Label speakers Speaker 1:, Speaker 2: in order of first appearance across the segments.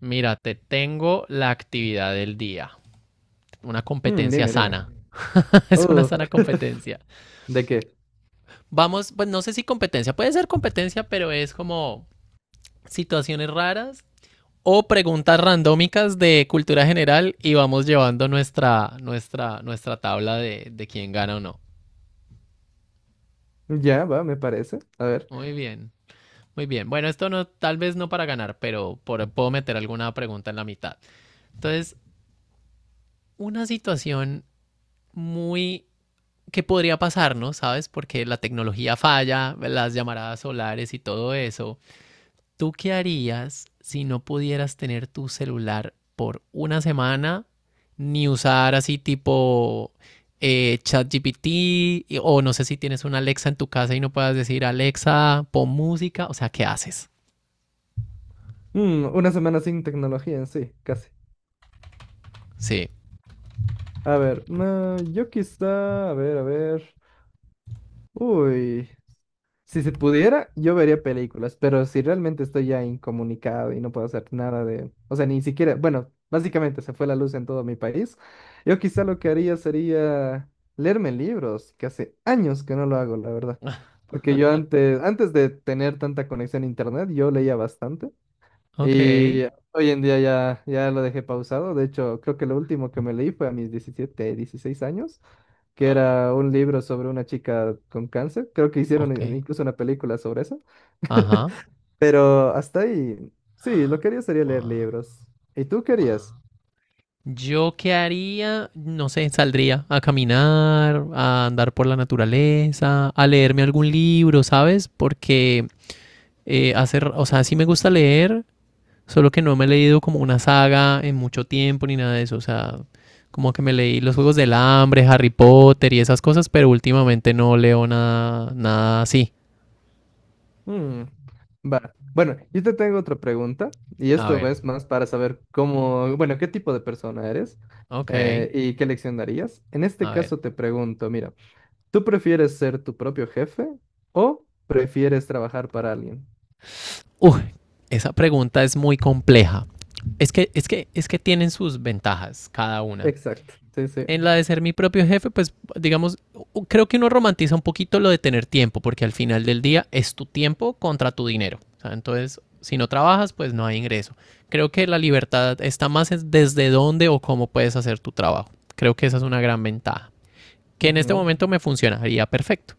Speaker 1: Mira, te tengo la actividad del día. Una
Speaker 2: Mm,
Speaker 1: competencia
Speaker 2: dime, dime.
Speaker 1: sana. Es una
Speaker 2: Uh,
Speaker 1: sana competencia.
Speaker 2: ¿De qué?
Speaker 1: Vamos, pues no sé si competencia, puede ser competencia, pero es como situaciones raras o preguntas randómicas de cultura general y vamos llevando nuestra tabla de quién gana o no.
Speaker 2: Ya, va, me parece. A ver.
Speaker 1: Muy bien, muy bien. Bueno, esto no, tal vez no para ganar, pero puedo meter alguna pregunta en la mitad. Entonces, una situación muy qué podría pasarnos, ¿sabes? Porque la tecnología falla, las llamaradas solares y todo eso. ¿Tú qué harías si no pudieras tener tu celular por una semana ni usar así tipo ChatGPT o no sé si tienes una Alexa en tu casa y no puedas decir Alexa, pon música? O sea, ¿qué haces?
Speaker 2: Una semana sin tecnología en sí, casi.
Speaker 1: Sí.
Speaker 2: A ver, no, yo quizá, a ver, a ver. Uy. Si se pudiera, yo vería películas, pero si realmente estoy ya incomunicado y no puedo hacer nada de, o sea, ni siquiera, bueno, básicamente se fue la luz en todo mi país, yo quizá lo que haría sería leerme libros, que hace años que no lo hago, la verdad. Porque yo antes de tener tanta conexión a internet, yo leía bastante.
Speaker 1: Ok,
Speaker 2: Y hoy en día ya lo dejé pausado. De hecho, creo que lo último que me leí fue a mis 17 16 años, que era un libro sobre una chica con cáncer. Creo que hicieron
Speaker 1: ok.
Speaker 2: incluso una película sobre eso.
Speaker 1: Ajá.
Speaker 2: Pero hasta ahí, sí, lo que haría sería leer
Speaker 1: Guau,
Speaker 2: libros. ¿Y tú
Speaker 1: guau.
Speaker 2: querías?
Speaker 1: Yo qué haría, no sé, saldría a caminar, a andar por la naturaleza, a leerme algún libro, ¿sabes? Porque o sea, sí me gusta leer, solo que no me he leído como una saga en mucho tiempo ni nada de eso, o sea, como que me leí los Juegos del Hambre, Harry Potter y esas cosas, pero últimamente no leo nada, nada así.
Speaker 2: Mm, va. Bueno, yo te tengo otra pregunta, y
Speaker 1: A
Speaker 2: esto
Speaker 1: ver,
Speaker 2: es más para saber cómo, bueno, qué tipo de persona eres
Speaker 1: ok,
Speaker 2: y qué lección darías. En este
Speaker 1: a ver.
Speaker 2: caso te pregunto, mira. ¿Tú prefieres ser tu propio jefe o prefieres trabajar para alguien?
Speaker 1: Uy, esa pregunta es muy compleja. Es que tienen sus ventajas cada una.
Speaker 2: Exacto, sí, sí.
Speaker 1: En la de ser mi propio jefe, pues digamos, creo que uno romantiza un poquito lo de tener tiempo, porque al final del día es tu tiempo contra tu dinero. O sea, entonces, si no trabajas, pues no hay ingreso. Creo que la libertad está más desde dónde o cómo puedes hacer tu trabajo. Creo que esa es una gran ventaja que en este
Speaker 2: Ujú.
Speaker 1: momento me funcionaría perfecto.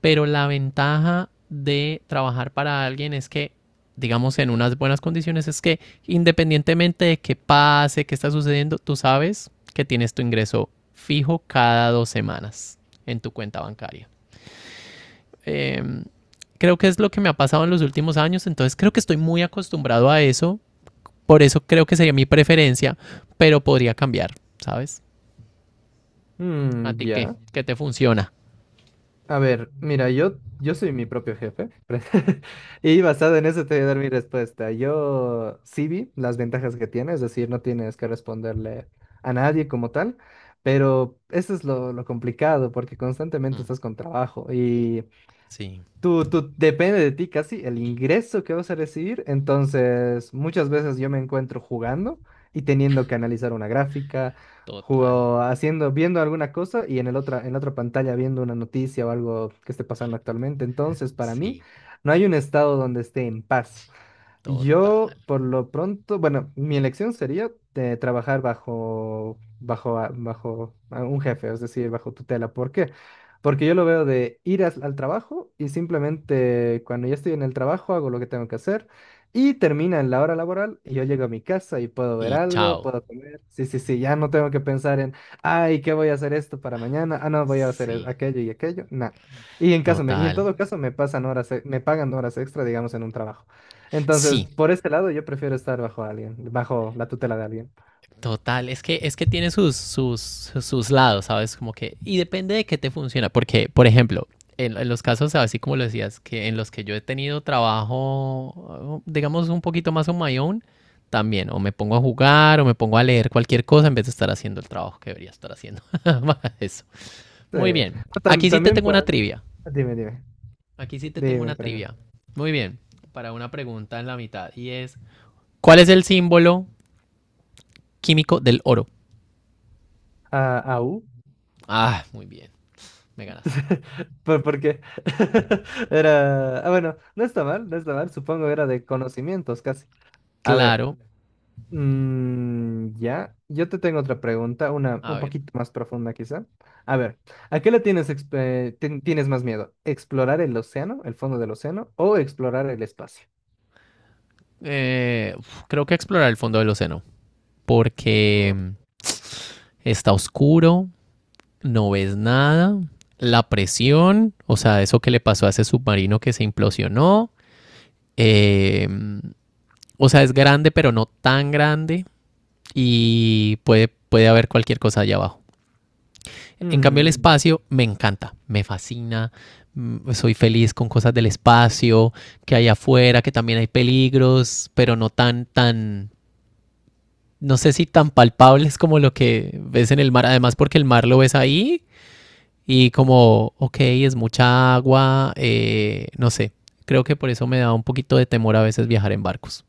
Speaker 1: Pero la ventaja de trabajar para alguien es que, digamos, en unas buenas condiciones, es que independientemente de qué pase, qué está sucediendo, tú sabes que tienes tu ingreso fijo cada dos semanas en tu cuenta bancaria. Eh, Creo que es lo que me ha pasado en los últimos años, entonces creo que estoy muy acostumbrado a eso, por eso creo que sería mi preferencia, pero podría cambiar, ¿sabes? ¿A
Speaker 2: Mm,
Speaker 1: ti qué?
Speaker 2: ya.
Speaker 1: ¿Qué te funciona?
Speaker 2: A ver, mira, yo soy mi propio jefe. Y basado en eso te voy a dar mi respuesta. Yo sí vi las ventajas que tiene, es decir, no tienes que responderle a nadie como tal, pero eso es lo complicado porque constantemente
Speaker 1: Mm,
Speaker 2: estás con trabajo y...
Speaker 1: sí,
Speaker 2: Tú depende de ti casi el ingreso que vas a recibir. Entonces, muchas veces yo me encuentro jugando y teniendo que analizar una gráfica,
Speaker 1: total.
Speaker 2: haciendo, viendo alguna cosa y en la otra pantalla viendo una noticia o algo que esté pasando actualmente. Entonces, para mí,
Speaker 1: Sí,
Speaker 2: no hay un estado donde esté en paz. Yo,
Speaker 1: total.
Speaker 2: por lo pronto, bueno, mi elección sería trabajar bajo a un jefe, es decir, bajo tutela. ¿Por qué? Porque yo lo veo de ir al trabajo y simplemente cuando ya estoy en el trabajo hago lo que tengo que hacer y termina en la hora laboral y yo llego a mi casa y puedo ver
Speaker 1: Y
Speaker 2: algo,
Speaker 1: chao.
Speaker 2: puedo comer. Sí, sí, sí, ya no tengo que pensar en, ay, ¿qué voy a hacer esto para mañana? Ah, no, voy a hacer
Speaker 1: Sí,
Speaker 2: aquello y aquello. No. Y en
Speaker 1: total.
Speaker 2: todo caso me pasan horas, me pagan horas extra, digamos, en un trabajo. Entonces,
Speaker 1: Sí,
Speaker 2: por ese lado, yo prefiero estar bajo alguien, bajo la tutela de alguien.
Speaker 1: total. Es que tiene sus, sus lados, ¿sabes? Como que, y depende de qué te funciona. Porque, por ejemplo, en los casos, así como lo decías, que en los que yo he tenido trabajo, digamos, un poquito más on my own, también, o me pongo a jugar, o me pongo a leer cualquier cosa en vez de estar haciendo el trabajo que debería estar haciendo. Eso.
Speaker 2: Sí.
Speaker 1: Muy bien.
Speaker 2: No,
Speaker 1: Aquí sí te
Speaker 2: también,
Speaker 1: tengo una trivia.
Speaker 2: dime, dime,
Speaker 1: Aquí sí te tengo
Speaker 2: dime,
Speaker 1: una
Speaker 2: pregunta.
Speaker 1: trivia. Muy bien, para una pregunta en la mitad. Y es, ¿cuál es el símbolo químico del oro?
Speaker 2: Ah, ¿aú?
Speaker 1: Ah, muy bien, me ganaste.
Speaker 2: ¿Por qué? Era, ah, bueno, no está mal, no está mal, supongo era de conocimientos casi. A ver,
Speaker 1: Claro,
Speaker 2: ya, yo te tengo otra pregunta, una
Speaker 1: a
Speaker 2: un
Speaker 1: ver.
Speaker 2: poquito más profunda quizá. A ver, ¿a qué le tienes, tienes más miedo? ¿Explorar el océano, el fondo del océano, o explorar el espacio?
Speaker 1: Creo que explorar el fondo del océano, porque mm, está oscuro, no ves nada, la presión, o sea, eso que le pasó a ese submarino que se implosionó, eh, mm, o sea, es grande, pero no tan grande, y puede, puede haber cualquier cosa allá abajo. En cambio, el
Speaker 2: Oh.
Speaker 1: espacio me encanta, me fascina, mm, soy feliz con cosas del espacio, que hay afuera, que también hay peligros, pero no tan, tan, no sé si tan palpables como lo que ves en el mar, además porque el mar lo ves ahí y como, ok, es mucha agua, no sé, creo que por eso me da un poquito de temor a veces viajar en barcos.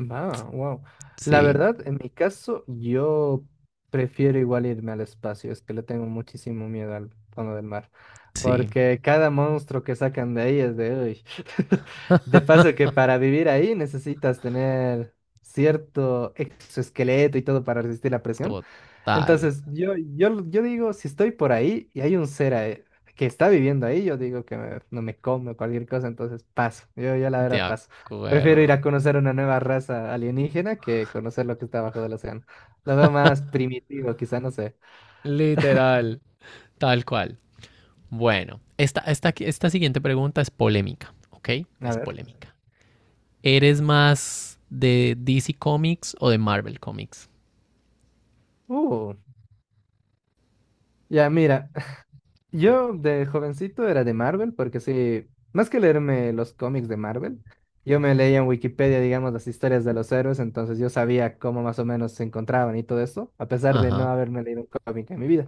Speaker 2: Va, wow. La
Speaker 1: Sí,
Speaker 2: verdad, en mi caso, yo prefiero igual irme al espacio, es que le tengo muchísimo miedo al fondo del mar,
Speaker 1: sí,
Speaker 2: porque cada monstruo que sacan de ahí es de hoy. De paso que para vivir ahí necesitas tener cierto exoesqueleto y todo para resistir la presión.
Speaker 1: total,
Speaker 2: Entonces, yo digo, si estoy por ahí y hay un ser que está viviendo ahí, yo digo que no me come o cualquier cosa, entonces paso. Yo la
Speaker 1: de
Speaker 2: verdad paso. Prefiero ir
Speaker 1: acuerdo,
Speaker 2: a conocer una nueva raza alienígena que conocer lo que está abajo del océano. Lo veo más primitivo, quizá, no sé.
Speaker 1: literal, tal cual. Bueno, esta siguiente pregunta es polémica, ¿ok?
Speaker 2: A
Speaker 1: Es
Speaker 2: ver.
Speaker 1: polémica. ¿Eres más de DC Comics o de Marvel Comics?
Speaker 2: Uh, ya mira, yo de jovencito era de Marvel, porque sí, más que leerme los cómics de Marvel, yo me leía en Wikipedia, digamos, las historias de los héroes, entonces yo sabía cómo más o menos se encontraban y todo eso, a pesar de
Speaker 1: Ajá,
Speaker 2: no haberme leído un cómic en mi vida.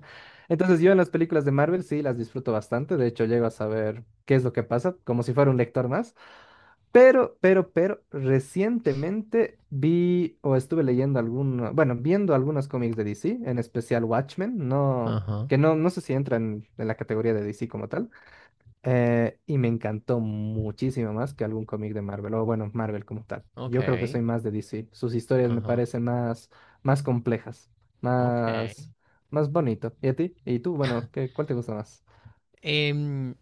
Speaker 2: Entonces yo en las películas de Marvel sí las disfruto bastante, de hecho llego a saber qué es lo que pasa, como si fuera un lector más. Pero, recientemente vi o estuve leyendo algunos, bueno, viendo algunos cómics de DC, en especial Watchmen, no,
Speaker 1: ajá.
Speaker 2: que no, no sé si entran en la categoría de DC como tal, y me encantó muchísimo más que algún cómic de Marvel, o bueno, Marvel como tal. Yo creo que soy
Speaker 1: Ok,
Speaker 2: más de DC, sus historias me
Speaker 1: ajá,
Speaker 2: parecen más, más complejas,
Speaker 1: ok.
Speaker 2: más, más bonito. ¿Y a ti? ¿Y tú? Bueno, ¿Cuál te gusta más?
Speaker 1: Em,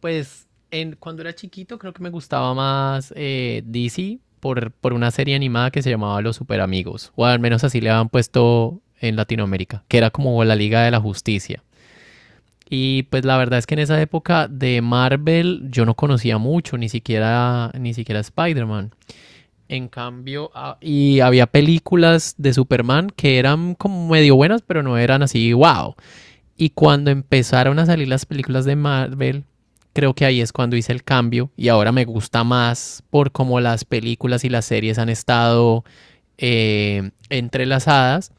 Speaker 1: pues cuando era chiquito creo que me gustaba más DC por una serie animada que se llamaba Los Super Amigos, o al menos así le habían puesto en Latinoamérica, que era como la Liga de la Justicia. Y pues la verdad es que en esa época de Marvel yo no conocía mucho, ni siquiera Spider-Man. En cambio, ah, y había películas de Superman que eran como medio buenas, pero no eran así, wow. Y cuando empezaron a salir las películas de Marvel, creo que ahí es cuando hice el cambio y ahora me gusta más por cómo las películas y las series han estado entrelazadas.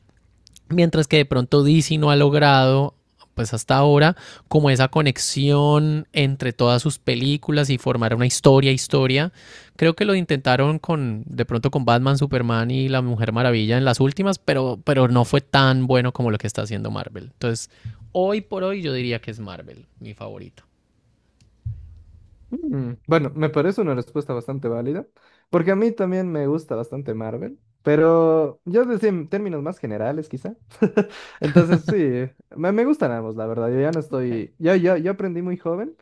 Speaker 1: Mientras que de pronto DC no ha logrado, pues hasta ahora, como esa conexión entre todas sus películas y formar una historia, historia. Creo que lo intentaron con, de pronto con Batman, Superman y La Mujer Maravilla en las últimas, pero no fue tan bueno como lo que está haciendo Marvel. Entonces, hoy por hoy yo diría que es Marvel, mi favorito.
Speaker 2: Bueno, me parece una respuesta bastante válida, porque a mí también me gusta bastante Marvel, pero yo decía en términos más generales quizá. Entonces sí, me gustan ambos, la verdad. Yo ya no
Speaker 1: Ok.
Speaker 2: estoy, yo aprendí muy joven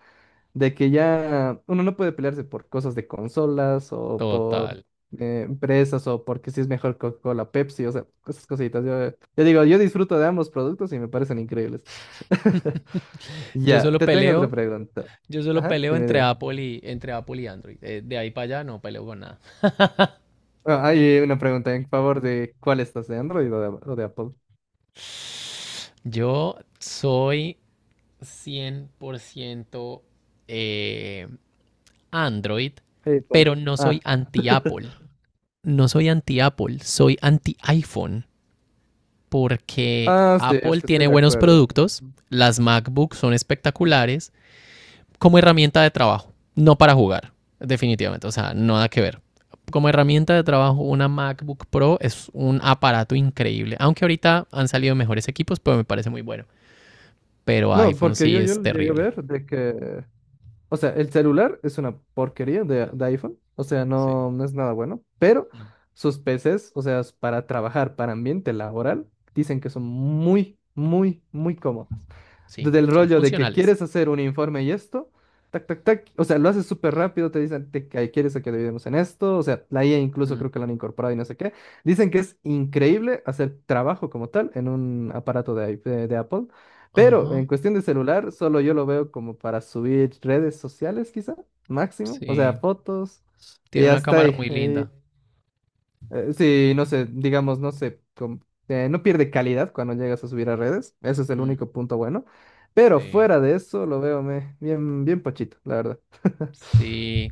Speaker 2: de que ya uno no puede pelearse por cosas de consolas o por
Speaker 1: Total.
Speaker 2: empresas o porque si es mejor Coca-Cola, Pepsi, o sea, esas cositas. Yo digo, yo disfruto de ambos productos y me parecen increíbles.
Speaker 1: Yo
Speaker 2: Ya,
Speaker 1: solo
Speaker 2: te tengo otra
Speaker 1: peleo,
Speaker 2: pregunta.
Speaker 1: yo solo
Speaker 2: Ajá,
Speaker 1: peleo
Speaker 2: dime, dime.
Speaker 1: Entre Apple y Android. De ahí para allá no peleo con nada.
Speaker 2: Bueno, hay una pregunta en favor de cuál estás, de Android o de Apple.
Speaker 1: Yo soy 100% eh, Android,
Speaker 2: Hey, Apple.
Speaker 1: pero no
Speaker 2: Ah.
Speaker 1: soy anti-Apple. No soy anti-Apple, soy anti-iPhone, porque
Speaker 2: Ah, sí, es
Speaker 1: Apple
Speaker 2: que estoy
Speaker 1: tiene
Speaker 2: de
Speaker 1: buenos
Speaker 2: acuerdo.
Speaker 1: productos, las MacBooks son espectaculares como herramienta de trabajo, no para jugar, definitivamente, o sea, nada que ver. Como herramienta de trabajo, una MacBook Pro es un aparato increíble, aunque ahorita han salido mejores equipos, pero me parece muy bueno. Pero
Speaker 2: No,
Speaker 1: iPhone
Speaker 2: porque
Speaker 1: sí
Speaker 2: yo,
Speaker 1: es
Speaker 2: yo llegué a
Speaker 1: terrible.
Speaker 2: ver de que, o sea, el celular es una porquería de iPhone, o sea,
Speaker 1: Sí,
Speaker 2: no, no es nada bueno, pero
Speaker 1: no.
Speaker 2: sus PCs, o sea, es para trabajar, para ambiente laboral, dicen que son muy, muy, muy cómodos.
Speaker 1: Sí,
Speaker 2: Del
Speaker 1: son
Speaker 2: rollo de que
Speaker 1: funcionales.
Speaker 2: quieres hacer un informe y esto, tac, tac, tac, o sea, lo haces súper rápido, te dicen que quieres que dividamos en esto, o sea, la IA incluso
Speaker 1: Mm,
Speaker 2: creo que lo han incorporado y no sé qué. Dicen que es increíble hacer trabajo como tal en un aparato de, iP- de Apple, pero
Speaker 1: ajá,
Speaker 2: en
Speaker 1: mm,
Speaker 2: cuestión de celular, solo yo lo veo como para subir redes sociales, quizá, máximo, o sea,
Speaker 1: sí.
Speaker 2: fotos, y
Speaker 1: Tiene una
Speaker 2: hasta
Speaker 1: cámara muy
Speaker 2: ahí.
Speaker 1: linda.
Speaker 2: Sí, no sé, digamos, no sé, no pierde calidad cuando llegas a subir a redes. Ese es el
Speaker 1: Mm,
Speaker 2: único punto bueno. Pero
Speaker 1: sí,
Speaker 2: fuera de eso, lo veo bien, bien pochito, la verdad.
Speaker 1: sí.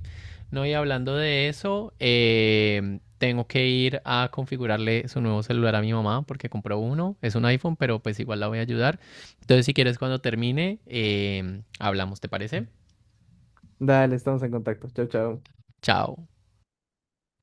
Speaker 1: No, y hablando de eso, tengo que ir a configurarle su nuevo celular a mi mamá porque compró uno. Es un iPhone, pero pues igual la voy a ayudar. Entonces, si quieres, cuando termine, hablamos, ¿te parece?
Speaker 2: Dale, estamos en contacto. Chao, chao.
Speaker 1: Chao.